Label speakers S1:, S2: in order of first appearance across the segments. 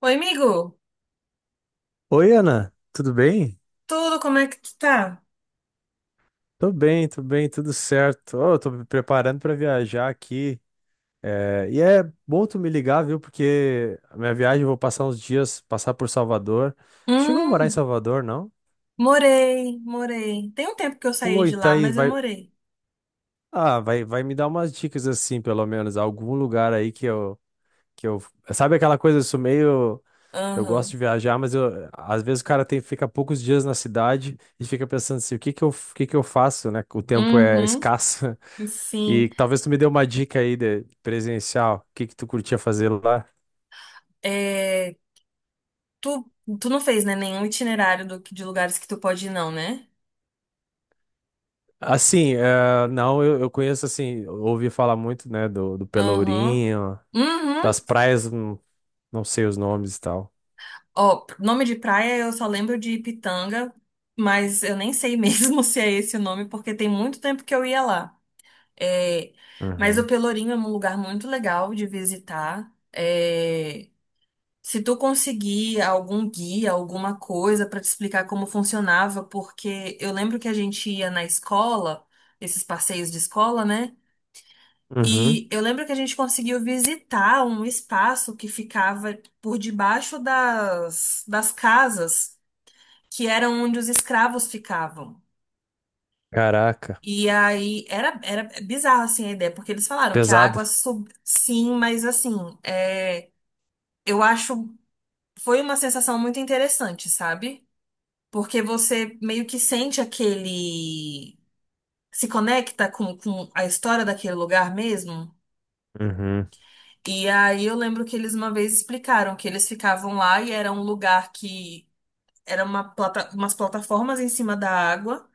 S1: Oi, amigo.
S2: Oi, Ana, tudo bem?
S1: Tudo, como é que tu tá?
S2: Tô bem, tô bem, tudo certo. Ó, eu tô me preparando pra viajar aqui. É, e é bom tu me ligar, viu? Porque a minha viagem eu vou passar uns dias, passar por Salvador. Tu chegou a morar em
S1: Hum,
S2: Salvador, não?
S1: morei, morei. Tem um tempo que eu saí
S2: Pô, e
S1: de
S2: tá
S1: lá,
S2: aí,
S1: mas eu
S2: vai.
S1: morei.
S2: Ah, vai, vai me dar umas dicas assim, pelo menos, algum lugar aí que eu. Sabe aquela coisa, eu sou meio. Eu gosto
S1: Aham.
S2: de viajar, mas às vezes o cara tem, fica poucos dias na cidade e fica pensando assim, o que que eu faço, né? O tempo é
S1: Uhum.
S2: escasso.
S1: Sim.
S2: E talvez tu me dê uma dica aí de presencial, o que que tu curtia fazer lá?
S1: É, tu, tu não fez, né, nenhum itinerário de lugares que tu pode ir, não, né?
S2: Assim, não, eu conheço assim, ouvi falar muito, né, do
S1: Aham.
S2: Pelourinho, das
S1: Uhum.
S2: praias, não, não sei os nomes e tal.
S1: Ó, nome de praia eu só lembro de Pitanga, mas eu nem sei mesmo se é esse o nome, porque tem muito tempo que eu ia lá. É, mas o
S2: Uhum.
S1: Pelourinho é um lugar muito legal de visitar. Se tu conseguir algum guia, alguma coisa pra te explicar como funcionava, porque eu lembro que a gente ia na escola, esses passeios de escola, né?
S2: Uhum.
S1: E eu lembro que a gente conseguiu visitar um espaço que ficava por debaixo das casas, que eram onde os escravos ficavam.
S2: Caraca,
S1: E aí era bizarro assim a ideia, porque eles falaram que a
S2: pesado.
S1: água sim, mas assim, é, eu acho foi uma sensação muito interessante, sabe? Porque você meio que sente aquele. Se conecta com a história daquele lugar mesmo.
S2: Uhum.
S1: E aí eu lembro que eles uma vez explicaram que eles ficavam lá e era um lugar que era uma umas plataformas em cima da água.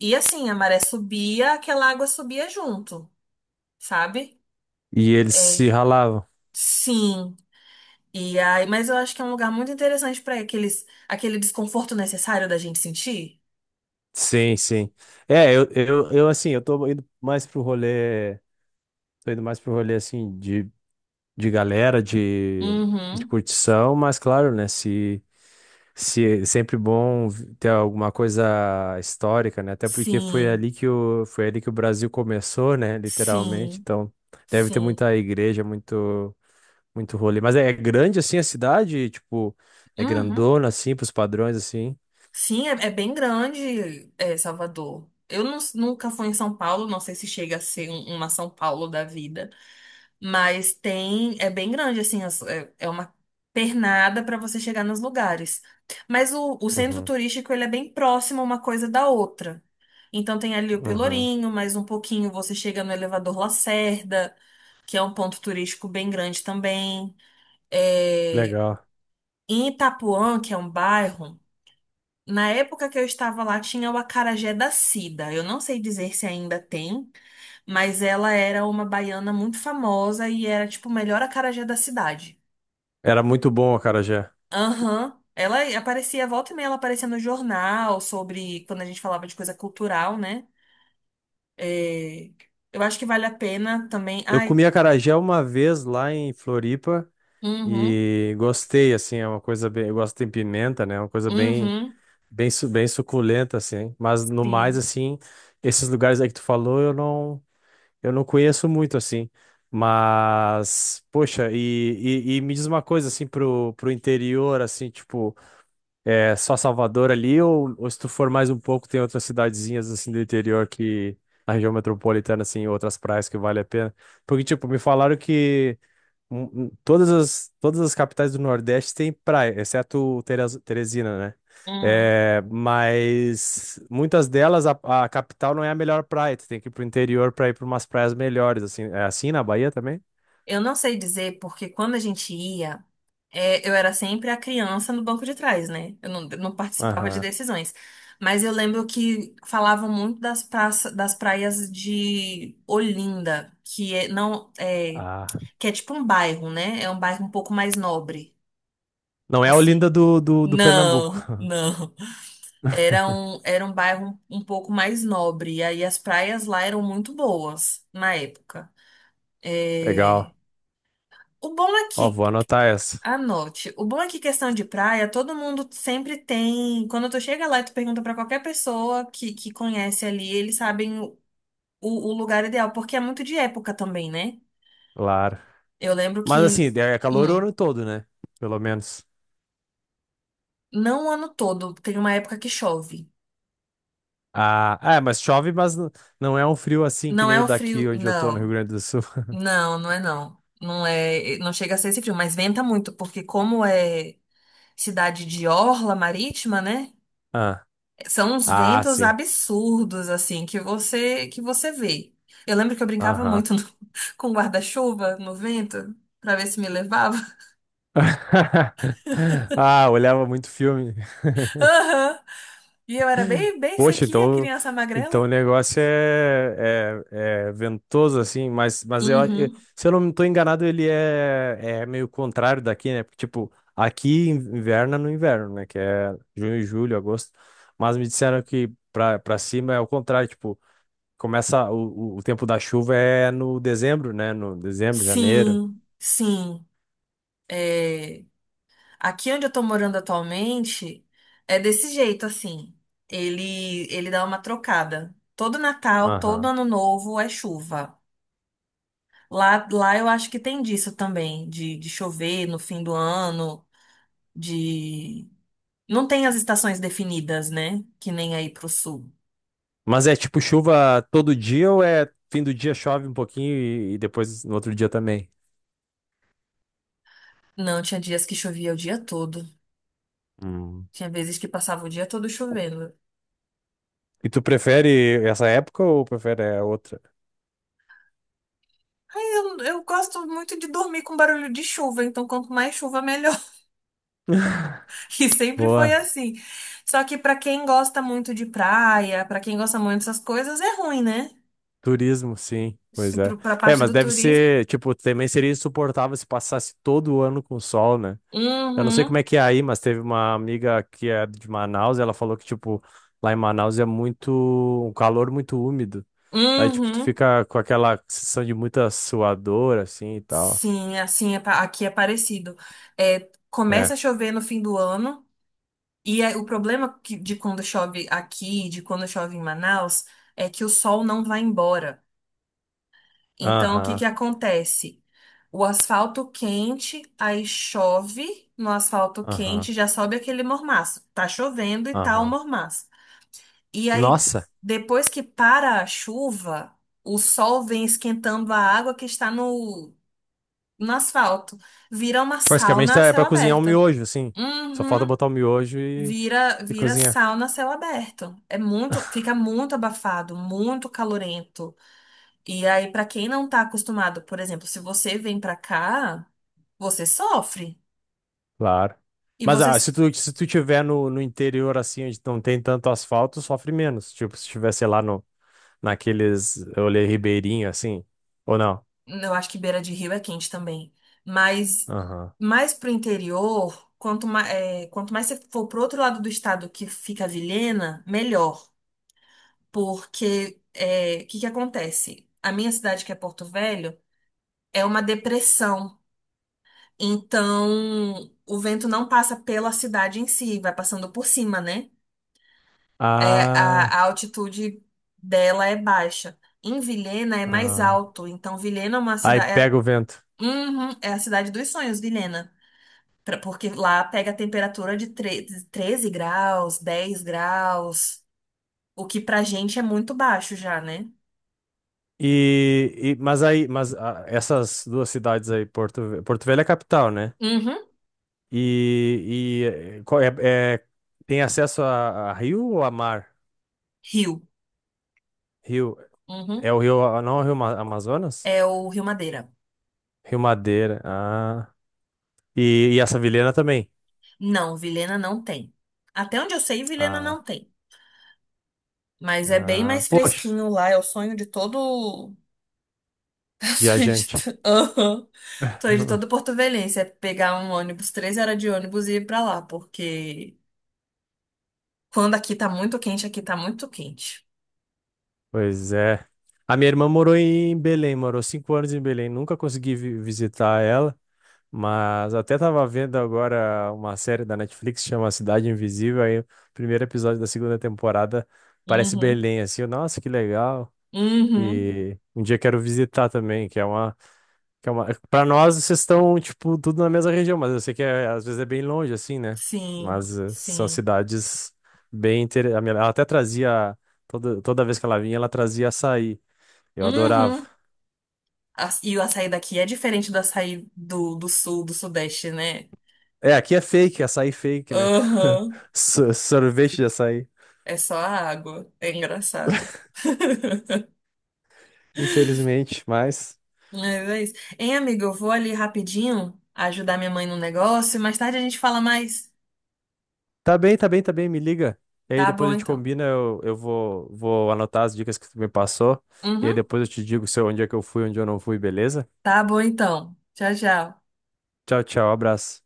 S1: E assim, a maré subia, aquela água subia junto, sabe?
S2: E eles
S1: É,
S2: se ralavam.
S1: sim. E aí, mas eu acho que é um lugar muito interessante para aquele desconforto necessário da gente sentir.
S2: Sim, sim. É, eu assim, eu tô indo mais pro rolê, assim de galera, de
S1: Uhum.
S2: curtição, mas claro, né? Se é sempre bom ter alguma coisa histórica, né? Até porque foi
S1: Sim,
S2: ali que o, foi ali que o Brasil começou, né? Literalmente.
S1: sim,
S2: Então, deve ter
S1: sim.
S2: muita igreja, muito, muito rolê. Mas é grande assim a cidade, tipo, é
S1: Uhum.
S2: grandona assim, pros padrões assim.
S1: Sim, é bem grande, Salvador. Eu nunca fui em São Paulo, não sei se chega a ser uma São Paulo da vida, mas tem, é bem grande, assim, é uma pernada para você chegar nos lugares. Mas o centro
S2: Uhum,
S1: turístico, ele é bem próximo uma coisa da outra. Então tem ali o
S2: uhum.
S1: Pelourinho, mais um pouquinho você chega no Elevador Lacerda, que é um ponto turístico bem grande também. É,
S2: Legal.
S1: Em Itapuã, que é um bairro. Na época que eu estava lá, tinha o acarajé da Cida. Eu não sei dizer se ainda tem, mas ela era uma baiana muito famosa e era, tipo, o melhor acarajé da cidade.
S2: Era muito bom o acarajé.
S1: Aham. Ela aparecia, volta e meia, ela aparecia no jornal sobre quando a gente falava de coisa cultural, né? É, Eu acho que vale a pena também.
S2: Eu
S1: Ai,
S2: comi acarajé uma vez lá em Floripa.
S1: uhum,
S2: E gostei, assim, é uma coisa bem. Eu gosto de pimenta, né? É uma coisa bem,
S1: uhum,
S2: bem, bem suculenta, assim. Mas no mais,
S1: sim.
S2: assim, esses lugares aí que tu falou, eu não conheço muito, assim. Mas, poxa, e me diz uma coisa, assim, pro interior, assim, tipo, é só Salvador ali, ou se tu for mais um pouco, tem outras cidadezinhas, assim, do interior que. Na região metropolitana, assim, outras praias que vale a pena. Porque, tipo, me falaram que todas as capitais do Nordeste têm praia, exceto Teresina, né?
S1: Hum.
S2: É, mas muitas delas, a capital não é a melhor praia. Tu tem que ir pro interior pra ir pra umas praias melhores, assim. É assim na Bahia também?
S1: Eu não sei dizer porque quando a gente ia, eu era sempre a criança no banco de trás, né? Eu não participava de
S2: Aham.
S1: decisões. Mas eu lembro que falavam muito das praças, das praias de Olinda, que é, não, é,
S2: Ah.
S1: que é tipo um bairro, né? É um bairro um pouco mais nobre,
S2: Não é a
S1: assim.
S2: Olinda do Pernambuco.
S1: Não, não. Era um bairro um pouco mais nobre. E aí as praias lá eram muito boas na época. É,
S2: Legal.
S1: o bom é
S2: Ó,
S1: que
S2: vou anotar essa.
S1: anote. O bom é que questão de praia, todo mundo sempre tem. Quando tu chega lá e tu pergunta pra qualquer pessoa que conhece ali, eles sabem o lugar ideal, porque é muito de época também, né?
S2: Claro.
S1: Eu lembro
S2: Mas
S1: que,
S2: assim, é calor o
S1: hum,
S2: ano todo, né? Pelo menos.
S1: não o ano todo, tem uma época que chove.
S2: Ah, é, mas chove, mas não é um frio assim que
S1: Não
S2: nem
S1: é
S2: o
S1: o
S2: daqui
S1: frio,
S2: onde eu tô, no Rio
S1: não.
S2: Grande do Sul.
S1: Não, não é não. Não é, não chega a ser esse frio, mas venta muito, porque como é cidade de orla marítima, né?
S2: Ah.
S1: São uns
S2: Ah,
S1: ventos
S2: sim.
S1: absurdos, assim, que você vê. Eu lembro que eu brincava
S2: Aham.
S1: muito com guarda-chuva no vento, pra ver se me levava.
S2: Ah, olhava muito filme.
S1: Aham. E eu era bem, bem
S2: Poxa,
S1: sequinha,
S2: então,
S1: criança
S2: o
S1: magrela.
S2: negócio é ventoso, assim,
S1: Uhum.
S2: se eu não estou enganado, ele é meio contrário daqui, né? Porque, tipo, aqui inverna no inverno, né? Que é junho, julho, agosto. Mas me disseram que pra cima é o contrário, tipo, começa o tempo da chuva é no dezembro, né? No dezembro, janeiro.
S1: Sim, sim. É, Aqui onde eu tô morando atualmente, é desse jeito, assim. Ele dá uma trocada. Todo Natal, todo
S2: Aham.
S1: Ano Novo é chuva. Lá eu acho que tem disso também, de chover no fim do ano, de. Não tem as estações definidas, né? Que nem aí pro sul.
S2: Mas é tipo chuva todo dia ou é fim do dia chove um pouquinho e depois no outro dia também?
S1: Não, tinha dias que chovia o dia todo.
S2: Hum.
S1: Tinha vezes que passava o dia todo chovendo.
S2: E tu prefere essa época ou prefere a outra?
S1: Aí eu gosto muito de dormir com barulho de chuva, então quanto mais chuva, melhor. E sempre foi
S2: Boa,
S1: assim. Só que pra quem gosta muito de praia, pra quem gosta muito dessas coisas, é ruim, né?
S2: turismo, sim, pois
S1: Se
S2: é.
S1: pro- Pra
S2: É,
S1: parte
S2: mas
S1: do
S2: deve
S1: turismo.
S2: ser, tipo, também seria insuportável se passasse todo o ano com sol, né? Eu não sei como
S1: Uhum,
S2: é que é aí, mas teve uma amiga que é de Manaus e ela falou que, tipo, lá em Manaus é muito, um calor muito úmido. Aí, tipo, tu
S1: uhum.
S2: fica com aquela sensação de muita suadora, assim, e tal.
S1: Sim, assim aqui é parecido. Começa
S2: É.
S1: a chover no fim do ano, e o problema de quando chove aqui, de quando chove em Manaus, é que o sol não vai embora. Então, o que
S2: Aham.
S1: que acontece? O asfalto quente, aí chove no asfalto
S2: Aham,
S1: quente, já sobe aquele mormaço. Tá chovendo e tá o
S2: aham.
S1: mormaço. E aí,
S2: Nossa,
S1: depois que para a chuva, o sol vem esquentando a água que está no asfalto. Vira uma
S2: basicamente
S1: sauna a
S2: é
S1: céu
S2: pra cozinhar um
S1: aberto.
S2: miojo, assim. Só falta
S1: Uhum.
S2: botar o miojo e,
S1: Vira,
S2: e
S1: vira
S2: cozinhar.
S1: sauna a céu aberto. Fica muito abafado, muito calorento. E aí, pra quem não tá acostumado, por exemplo, se você vem pra cá, você sofre.
S2: Claro.
S1: E
S2: Mas
S1: você,
S2: se tu tiver no interior, assim, onde não tem tanto asfalto, sofre menos. Tipo, se tiver, sei lá, no, naqueles olê ribeirinho, assim. Ou não?
S1: eu acho que beira de rio é quente também. Mas
S2: Aham.
S1: mais pro interior, quanto mais você for pro outro lado do estado que fica a Vilhena, melhor. Porque o que que acontece? A minha cidade, que é Porto Velho, é uma depressão. Então, o vento não passa pela cidade em si, vai passando por cima, né? A
S2: Ah,
S1: altitude dela é baixa. Em Vilhena é mais
S2: ah.
S1: alto. Então, Vilhena é uma
S2: Aí
S1: cidade.
S2: pega o vento.
S1: Uhum, é a cidade dos sonhos, Vilhena. Porque lá pega a temperatura de 13 graus, 10 graus, o que pra gente é muito baixo já, né?
S2: Essas duas cidades aí, Porto Velho é a capital, né?
S1: Uhum.
S2: E, e eh, qual é, é- tem acesso a rio ou a mar?
S1: Rio.
S2: Rio.
S1: Uhum.
S2: É o rio, não é o rio Amazonas?
S1: É o Rio Madeira.
S2: Rio Madeira. Ah. E essa vilena também.
S1: Não, Vilhena não tem. Até onde eu sei, Vilhena não
S2: Ah,
S1: tem. Mas é bem
S2: ah,
S1: mais
S2: poxa,
S1: fresquinho lá. É o sonho de todo. É o sonho de,
S2: viajante.
S1: to- Aham. Sonho de todo porto-velhense. É pegar um ônibus, 3 horas de ônibus e ir pra lá. Porque quando aqui tá muito quente, aqui tá muito quente.
S2: Pois é. A minha irmã morou em Belém, morou 5 anos em Belém. Nunca consegui visitar ela. Mas até tava vendo agora uma série da Netflix que chama Cidade Invisível, aí o primeiro episódio da segunda temporada parece
S1: Uhum.
S2: Belém, assim, eu, nossa, que legal.
S1: Uhum.
S2: E um dia quero visitar também. Para nós, vocês estão, tipo, tudo na mesma região, mas eu sei que às vezes é bem longe, assim, né?
S1: Sim.
S2: Mas são
S1: Sim.
S2: cidades bem interessantes. Ela até trazia, toda vez que ela vinha, ela trazia açaí. Eu adorava.
S1: Uhum. E o açaí daqui é diferente do açaí do sul, do sudeste, né?
S2: É, aqui é fake, açaí fake, né?
S1: Aham.
S2: Sorvete de açaí.
S1: É só a água. É engraçado.
S2: Infelizmente, mas.
S1: Mas é isso. Hein, amigo, eu vou ali rapidinho ajudar minha mãe no negócio e mais tarde a gente fala mais.
S2: Tá bem, tá bem, tá bem, me liga. E aí
S1: Tá
S2: depois
S1: bom,
S2: a gente
S1: então.
S2: combina, eu vou anotar as dicas que tu me passou. E aí
S1: Uhum.
S2: depois eu te digo se eu- onde é que eu fui, onde eu não fui, beleza?
S1: Tá bom, então. Tchau, tchau.
S2: Tchau, tchau, abraço.